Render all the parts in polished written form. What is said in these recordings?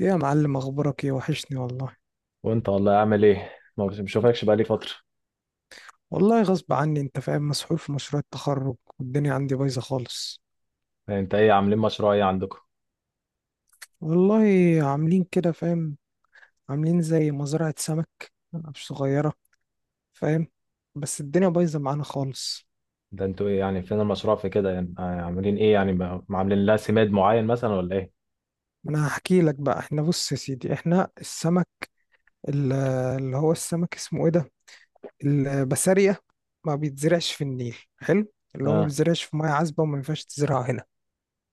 ايه يا معلم، اخبارك ايه؟ وحشني والله. وانت والله عامل ايه؟ ما بشوفكش بقالي فترة. والله غصب عني، انت فاهم، مسحول في مشروع التخرج والدنيا عندي بايظه خالص. يعني انت ايه، عاملين مشروع ايه عندكم؟ والله عاملين كده، فاهم؟ عاملين زي مزرعه سمك، مش صغيره، فاهم؟ بس الدنيا بايظه معانا خالص. ده انتوا ايه، يعني فين المشروع في كده؟ يعني، عاملين ايه يعني، ما عاملين لها سماد معين مثلا ولا ايه؟ انا هحكي لك بقى. احنا، بص يا سيدي، احنا السمك ال- اللي هو السمك اسمه ايه ده، البسارية، ما بيتزرعش في النيل حلو. اللي هو ما اه. بيتزرعش في ميه عذبه وما ينفعش تزرعه هنا.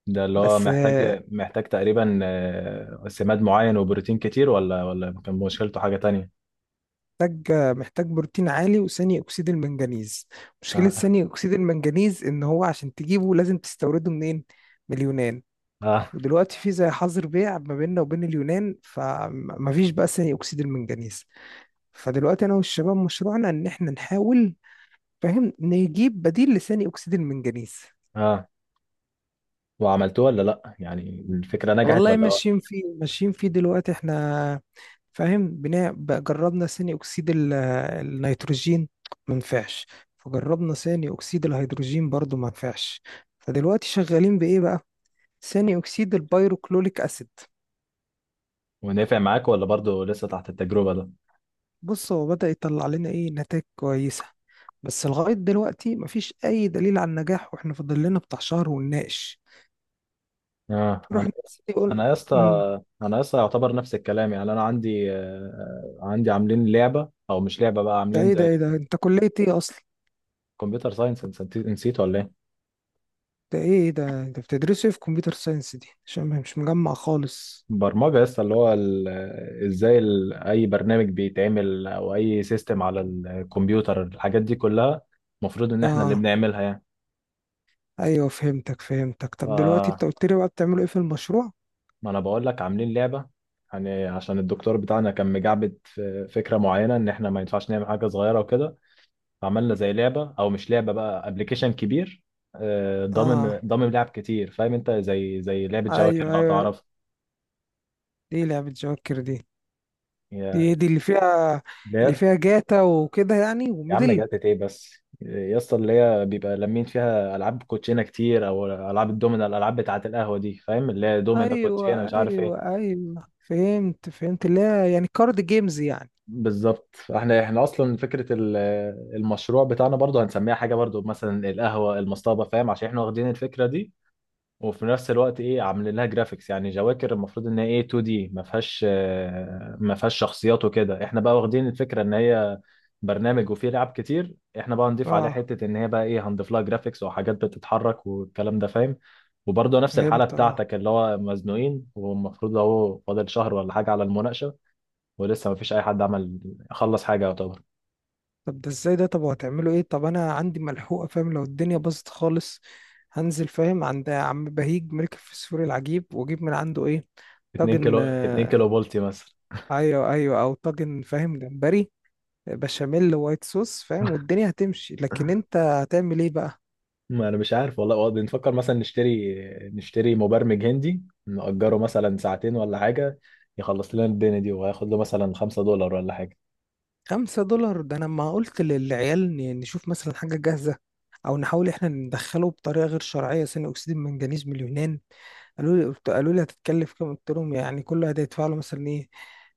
ده اللي هو بس محتاج تقريبا سماد معين وبروتين كتير، ولا كان مشكلته حاجة تانية؟ محتاج، محتاج بروتين عالي وثاني اكسيد المنجنيز. مشكله اه، ثاني اكسيد المنجنيز ان هو عشان تجيبه لازم تستورده منين؟ من اليونان. اه، ودلوقتي في زي حظر بيع ما بيننا وبين اليونان، فمفيش بقى ثاني اكسيد المنجنيز. فدلوقتي انا والشباب مشروعنا ان احنا نحاول، فاهم، نجيب بديل لثاني اكسيد المنجنيز. اه. وعملتوه ولا لا؟ يعني الفكرة نجحت والله ولا؟ ماشيين فيه، ماشيين فيه دلوقتي احنا، فاهم. بناء بقى جربنا ثاني اكسيد النيتروجين، ما نفعش. فجربنا ثاني اكسيد الهيدروجين برضو ما نفعش. فدلوقتي شغالين بايه بقى؟ ثاني اكسيد البيروكلوليك اسيد. ونفع معاك ولا برضو لسه تحت التجربة ده؟ بص هو بدأ يطلع لنا ايه، نتائج كويسة، بس لغاية دلوقتي مفيش اي دليل على النجاح، واحنا فاضل لنا بتاع شهر ونناقش. اه. رحنا يقول انا يا اسطى امم انا يا اسطى يعتبر نفس الكلام، يعني انا عندي عاملين لعبه او مش لعبه بقى، ده عاملين ايه ده زي ايه ده انت كلية ايه اصلا؟ كمبيوتر ساينس، نسيت ولا ايه؟ ده ايه؟ إيه ده انت بتدرسه إيه في كمبيوتر ساينس دي؟ عشان مش مجمع خالص. برمجه يا اسطى، اللي هو ازاي اي برنامج بيتعمل، او اي سيستم على الكمبيوتر، الحاجات دي كلها المفروض ان احنا اللي اه، بنعملها يعني. ايوه، فهمتك. طب دلوقتي انت ف قلت لي بقى بتعملوا ايه في المشروع؟ ما انا بقول لك عاملين لعبه، يعني عشان الدكتور بتاعنا كان مجعبد في فكره معينه، ان احنا ما ينفعش نعمل حاجه صغيره وكده. عملنا زي لعبة، أو مش لعبة بقى، أبلكيشن كبير. اه، ضامم لعب كتير، فاهم أنت، زي لعبة جواكر ايوه لو ايوه. تعرف. دي لعبة جوكر دي. دي يا دي اللي فيها، لا جاتا وكده يعني، يا عم، وميدل. جت إيه بس يا اسطى، اللي هي بيبقى لمين فيها ألعاب كوتشينة كتير، أو ألعاب الدومينة، الألعاب بتاعة القهوة دي فاهم، اللي هي دومينة، ايوه كوتشينة، مش عارف إيه. ايوه ايوه، فهمت فهمت. لا، يعني كارد جيمز يعني. بالظبط. احنا اصلا فكره المشروع بتاعنا برضو هنسميها حاجه برضو، مثلا القهوه المصطبه، فاهم، عشان احنا واخدين الفكره دي. وفي نفس الوقت ايه، عاملين لها جرافيكس. يعني جواكر المفروض ان هي ايه 2D دي ما فيهاش شخصيات وكده، احنا بقى واخدين الفكره ان هي برنامج وفيه لعب كتير، احنا بقى هنضيف عليها اه حته، ان هي بقى ايه، هنضيف لها جرافيكس وحاجات بتتحرك والكلام ده، فاهم. وبرضه نفس الحاله فهمت، اه بتاعتك، اللي هو مزنوقين، والمفروض اهو فاضل شهر ولا حاجه على المناقشه، ولسه ما فيش اي حد عمل خلص حاجه يعتبر. طب ده ازاي ده؟ طب وهتعملوا ايه؟ طب انا عندي ملحوقه، فاهم. لو الدنيا باظت خالص هنزل، فاهم، عند عم بهيج ملك الفسفور العجيب واجيب من عنده ايه، 2 طاجن، كيلو، 2 كيلو بولتي مثلا. ايوه ايوه، او طاجن، فاهم، جمبري بشاميل وايت صوص، فاهم، والدنيا هتمشي. لكن انت هتعمل ايه بقى؟ ما انا مش عارف والله. هو بنفكر مثلا نشتري مبرمج هندي، نأجره مثلا ساعتين ولا حاجة، يخلص لنا الدنيا دي، وهياخد له مثلا 5 دولار ولا حاجة. خمسة دولار! ده انا ما قلت للعيال نشوف مثلا حاجة جاهزة، او نحاول احنا ندخله بطريقة غير شرعية ثاني اكسيد المنجنيز من اليونان. قالوا لي، قالوا لي هتتكلف كام؟ قلت لهم يعني كل واحد هيدفع له مثلا ايه،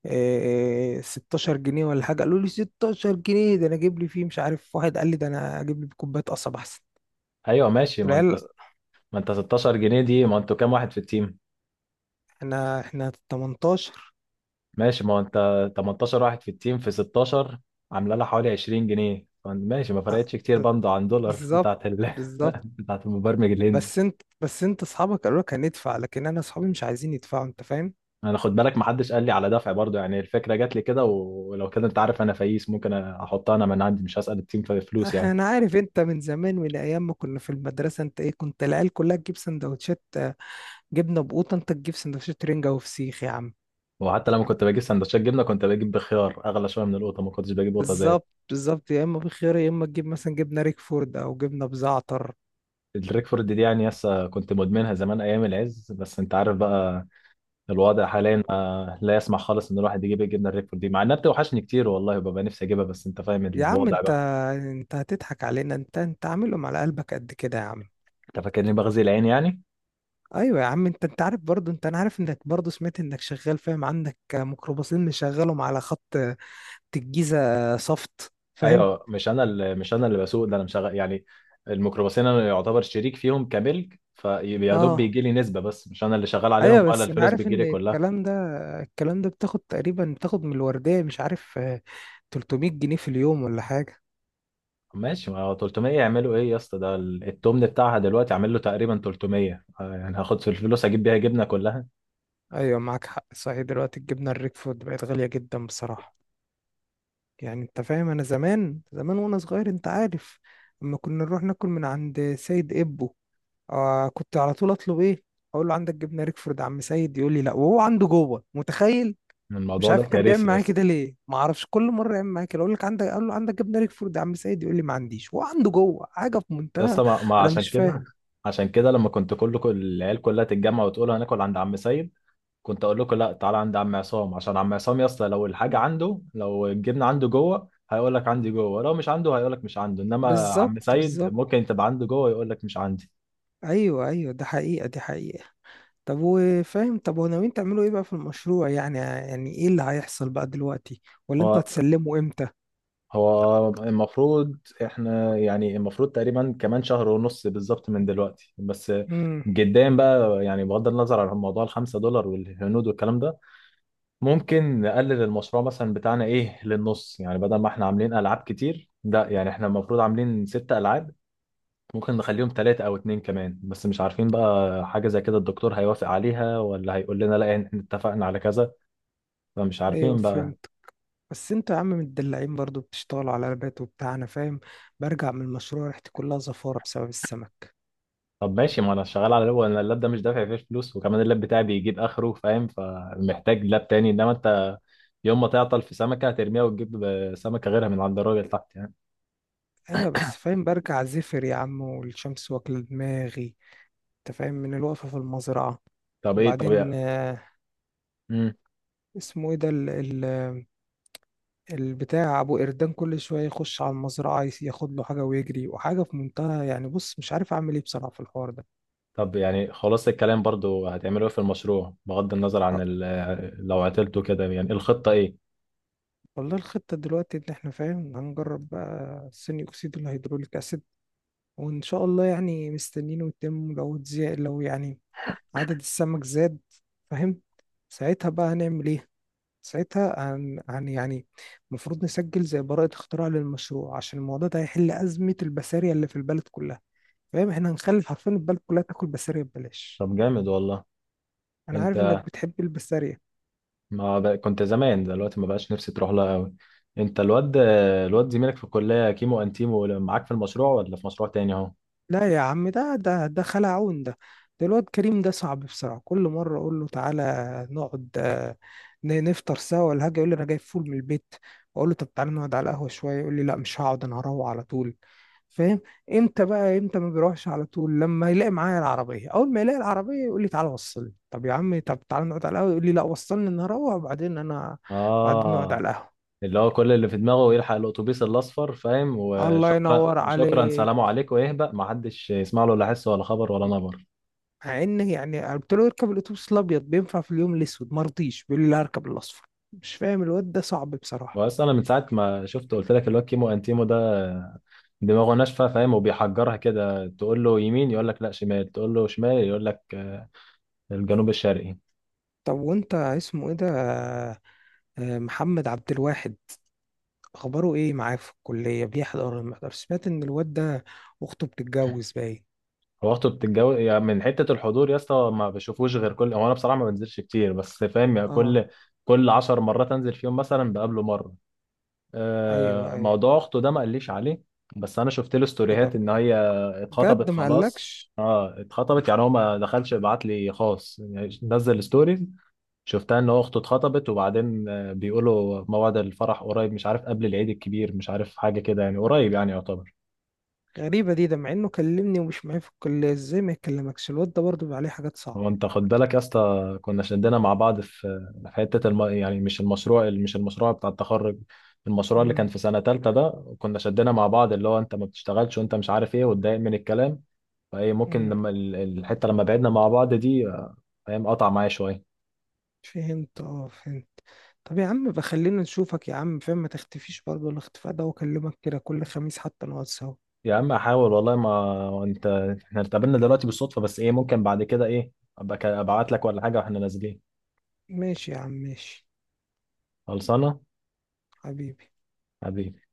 إيه، 16 جنيه ولا حاجة. قالوا لي 16 جنيه؟ ده انا اجيب لي فيه مش عارف. واحد قال لي ده انا اجيب لي كوباية قصب احسن. ايوه ماشي. قلت ما له انت العيال ما انت 16 جنيه دي، ما انتوا كام واحد في التيم؟ احنا 18. ماشي. ما انت 18 واحد في التيم، في 16، عامله لها حوالي 20 جنيه. ماشي، ما آه، فرقتش كتير برضه عن دولار بالظبط بتاعت بالظبط. بتاعت المبرمج الهندي. بس انت اصحابك قالوا لك هندفع، لكن انا اصحابي مش عايزين يدفعوا، انت فاهم. انا خد بالك، ما حدش قال لي على دفع برضه يعني، الفكرة جات لي كده، ولو كده انت عارف انا فايس ممكن احطها انا من عندي، مش هسأل التيم في فلوس اه، يعني. انا عارف. انت من زمان، من ايام ما كنا في المدرسه، انت ايه، كنت العيال كلها تجيب سندوتشات جبنه بقوطه، انت تجيب سندوتشات رنجه وفسيخ يا عم. وحتى لما كنت بجيب سندوتشات جبنه كنت بجيب بخيار اغلى شويه من القطه، ما كنتش بجيب قطه زيت. بالظبط بالظبط. يا اما بخيار، يا اما تجيب مثلا جبنه ريكفورد او جبنه بزعتر. الريكفورد دي يعني، يسا كنت مدمنها زمان ايام العز، بس انت عارف بقى الوضع حاليا لا يسمح خالص ان الواحد يجيب الجبنه الريكفورد دي، مع انها بتوحشني كتير والله، وببقى نفسي اجيبها، بس انت فاهم يا عم الوضع انت، بقى. انت هتضحك علينا؟ انت عاملهم على قلبك قد كده يا عم. انت فاكرني بغزي العين يعني؟ ايوه يا عم. انت عارف برضو، انت، انا عارف انك برضو، سمعت انك شغال، فاهم، عندك ميكروباصين مشغلهم على خط الجيزة صفت، فاهم. ايوه. مش انا اللي بسوق ده، انا مشغل يعني، الميكروباصين انا يعتبر شريك فيهم، كملك فيا دوب اه، بيجي لي نسبه، بس مش انا اللي شغال عليهم، ايوه. ولا بس انا الفلوس عارف بتجي ان لي كلها. الكلام ده بتاخد تقريبا، بتاخد من الوردية، مش عارف، 300 جنيه في اليوم ولا حاجة. ماشي، ما هو 300 يعملوا ايه يا اسطى، ده التمن بتاعها دلوقتي عامل له تقريبا 300 يعني هاخد في الفلوس اجيب بيها جبنه كلها. ايوه، معاك حق، صحيح دلوقتي الجبنة الريكفورد بقت غالية جدا بصراحة. يعني انت فاهم، انا زمان زمان وانا صغير، انت عارف، اما كنا نروح ناكل من عند سيد ابو، كنت على طول اطلب ايه، اقول له عندك جبنة ريكفورد يا عم سيد؟ يقول لي لا، وهو عنده جوه، متخيل. من مش الموضوع ده، عارف كان بيعمل كارثي يا معايا اسطى. كده ليه، ما اعرفش، كل مره يعمل معايا كده. اقول لك عندك، اقول له عندك جبنه ريكفورد يا عم سيد؟ يقول لي ما عنديش، هو عنده جوه، حاجه في يا منتهى. اسطى ما ما انا عشان مش كده فاهم. عشان كده لما كنت كل العيال كلها تتجمع وتقول هناكل عند عم سيد، كنت اقول لكم لا، تعالى عند عم عصام، عشان عم عصام يا اسطى لو الحاجه عنده، لو الجبنه عنده جوه هيقول لك عندي جوه، لو مش عنده هيقول لك مش عنده، انما عم بالظبط سيد بالظبط، ممكن تبقى عنده جوه يقول لك مش عندي. ايوه ايوه، ده حقيقه، دي حقيقه. طب وفاهم، طب وناويين تعملوا ايه بقى في المشروع يعني؟ يعني ايه اللي هيحصل بقى دلوقتي؟ ولا انتوا هو هتسلموا امتى؟ هو المفروض، احنا يعني المفروض تقريبا كمان شهر ونص بالظبط من دلوقتي، بس امم جدا بقى، يعني بغض النظر عن موضوع الخمسة دولار والهنود والكلام ده، ممكن نقلل المشروع مثلا بتاعنا ايه للنص، يعني بدل ما احنا عاملين العاب كتير ده، يعني احنا المفروض عاملين ست العاب، ممكن نخليهم ثلاثة او اتنين كمان، بس مش عارفين بقى. حاجة زي كده الدكتور هيوافق عليها، ولا هيقول لنا لا احنا اتفقنا على كذا؟ فمش ايوه عارفين بقى. فهمت. بس انتوا يا عم متدلعين برضو، بتشتغلوا على لابات وبتاع، انا فاهم. برجع من المشروع ريحتي كلها زفاره بسبب السمك. طب ماشي، ما انا شغال على اللاب، انا اللاب ده مش دافع فيه فلوس، وكمان اللاب بتاعي بيجيب اخره فاهم، فمحتاج لاب تاني، انما انت يوم ما تعطل في سمكه هترميها وتجيب سمكه غيرها من عند الراجل تحت يعني. ايوه بس، فاهم، برجع زفر يا عم، والشمس واكله دماغي، انت فاهم، من الوقفه في المزرعه. طب ايه، طب وبعدين يا مم. اسمه ايه ده، ال ال البتاع ابو قردان كل شويه يخش على المزرعه، ياخد له حاجه ويجري، وحاجه في منتهى يعني. بص مش عارف اعمل ايه بصراحه في الحوار ده. طب يعني خلاص الكلام، برضو هتعملوا ايه في المشروع، بغض النظر عن آه، لو عطلتوا كده، يعني الخطه ايه؟ والله الخطه دلوقتي ان احنا، فاهم، هنجرب بقى ثاني اكسيد الهيدروليك اسيد، وان شاء الله يعني مستنينه يتم. لو اتزي، لو يعني عدد السمك زاد، فاهم، ساعتها بقى هنعمل ايه؟ ساعتها هن هن يعني المفروض نسجل زي براءة اختراع للمشروع، عشان الموضوع ده هيحل أزمة البسارية اللي في البلد كلها. فاهم، احنا هنخلي حرفيا البلد كلها تاكل بسارية ببلاش. طب جامد والله. أنا عارف إنك انت بتحب البسارية. ما ب... كنت زمان، دلوقتي ما بقاش نفسي تروح لها قوي. انت الواد زميلك في الكليه كيمو انتيمو، معاك في المشروع ولا في مشروع تاني اهو؟ لا يا عم، ده خلعون ده. ده الواد كريم ده صعب بصراحة. كل مرة أقول له تعالى نقعد، نفطر سوا ولا حاجة، يقول لي أنا جايب فول من البيت. أقول له طب تعالى نقعد على القهوة شوية، يقول لي لا، مش هقعد أنا هروح على طول، فاهم. امتى بقى امتى ما بيروحش على طول؟ لما يلاقي معايا العربيه. اول ما يلاقي العربيه يقول لي تعالى وصلني. طب يا عم، طب تعالى نقعد على القهوه، يقول لي لا وصلني انا هروح وبعدين انا، بعدين نقعد اه. على القهوه. اللي هو كل اللي في دماغه يلحق الاتوبيس الاصفر فاهم، الله وشكرا ينور وشكرا عليك. سلام عليكم، ويهبق ما حدش يسمع له لا حس ولا خبر ولا نبر. مع ان يعني قلت له اركب الاتوبيس الابيض بينفع في اليوم الاسود، ما رضيش، بيقول لي لا اركب الاصفر. مش فاهم الواد ده صعب بصراحه. بس انا من ساعه ما شفت قلت لك، الواد كيمو انتيمو ده دماغه ناشفه فاهم، وبيحجرها كده، تقول له يمين يقول لك لا شمال، تقول له شمال يقول لك الجنوب الشرقي. طب وانت اسمه ايه ده، محمد عبد الواحد؟ اخباره ايه معاه في الكليه، بيحضر ولا ما بيحضرش؟ سمعت ان الواد ده اخته بتتجوز، باين. هو اخته يعني من حته الحضور يا اسطى، ما بشوفوش غير هو انا بصراحه ما بنزلش كتير، بس فاهم يعني، اه، كل 10 مرات انزل فيهم مثلا بقابله مره. ايوه ايوه، موضوع اخته ده ما قاليش عليه. بس انا شفت له ستوريهات كده. ان هي بجد اتخطبت ما خلاص. قالكش؟ اه، اتخطبت يعني، هو ما دخلش بعت لي خاص يعني، نزل ستوريز، شفتها ان هو اخته اتخطبت، وبعدين بيقولوا موعد الفرح قريب، مش عارف قبل العيد الكبير، مش عارف حاجه كده، يعني قريب يعني يعتبر. غريبه دي، ده مع انه كلمني ومش معايا في الكليه، ازاي ما يكلمكش؟ الواد ده برضه بيبقى عليه حاجات هو صعبه. انت خد بالك يا اسطى، كنا شدنا مع بعض في حته يعني مش المشروع بتاع التخرج، المشروع اللي كان امم في سنه تالتة ده، كنا شدنا مع بعض، اللي هو انت ما بتشتغلش، وانت مش عارف ايه، واتضايق من الكلام. فايه ممكن امم لما الحته لما بعدنا مع بعض دي، فاهم قطع معايا شويه. فهمت، اه فهمت. طب يا عم بقى خلينا نشوفك يا عم، فاهم، ما تختفيش برضه الاختفاء ده، واكلمك كده كل خميس حتى نقعد سوا. يا عم، احاول والله. ما انت احنا اتقابلنا دلوقتي بالصدفه، بس ايه ممكن بعد كده ايه، ابقى ابعت لك ولا حاجه واحنا نازلين. ماشي يا عم ماشي. خلصانه. حبيبي. حبيبي.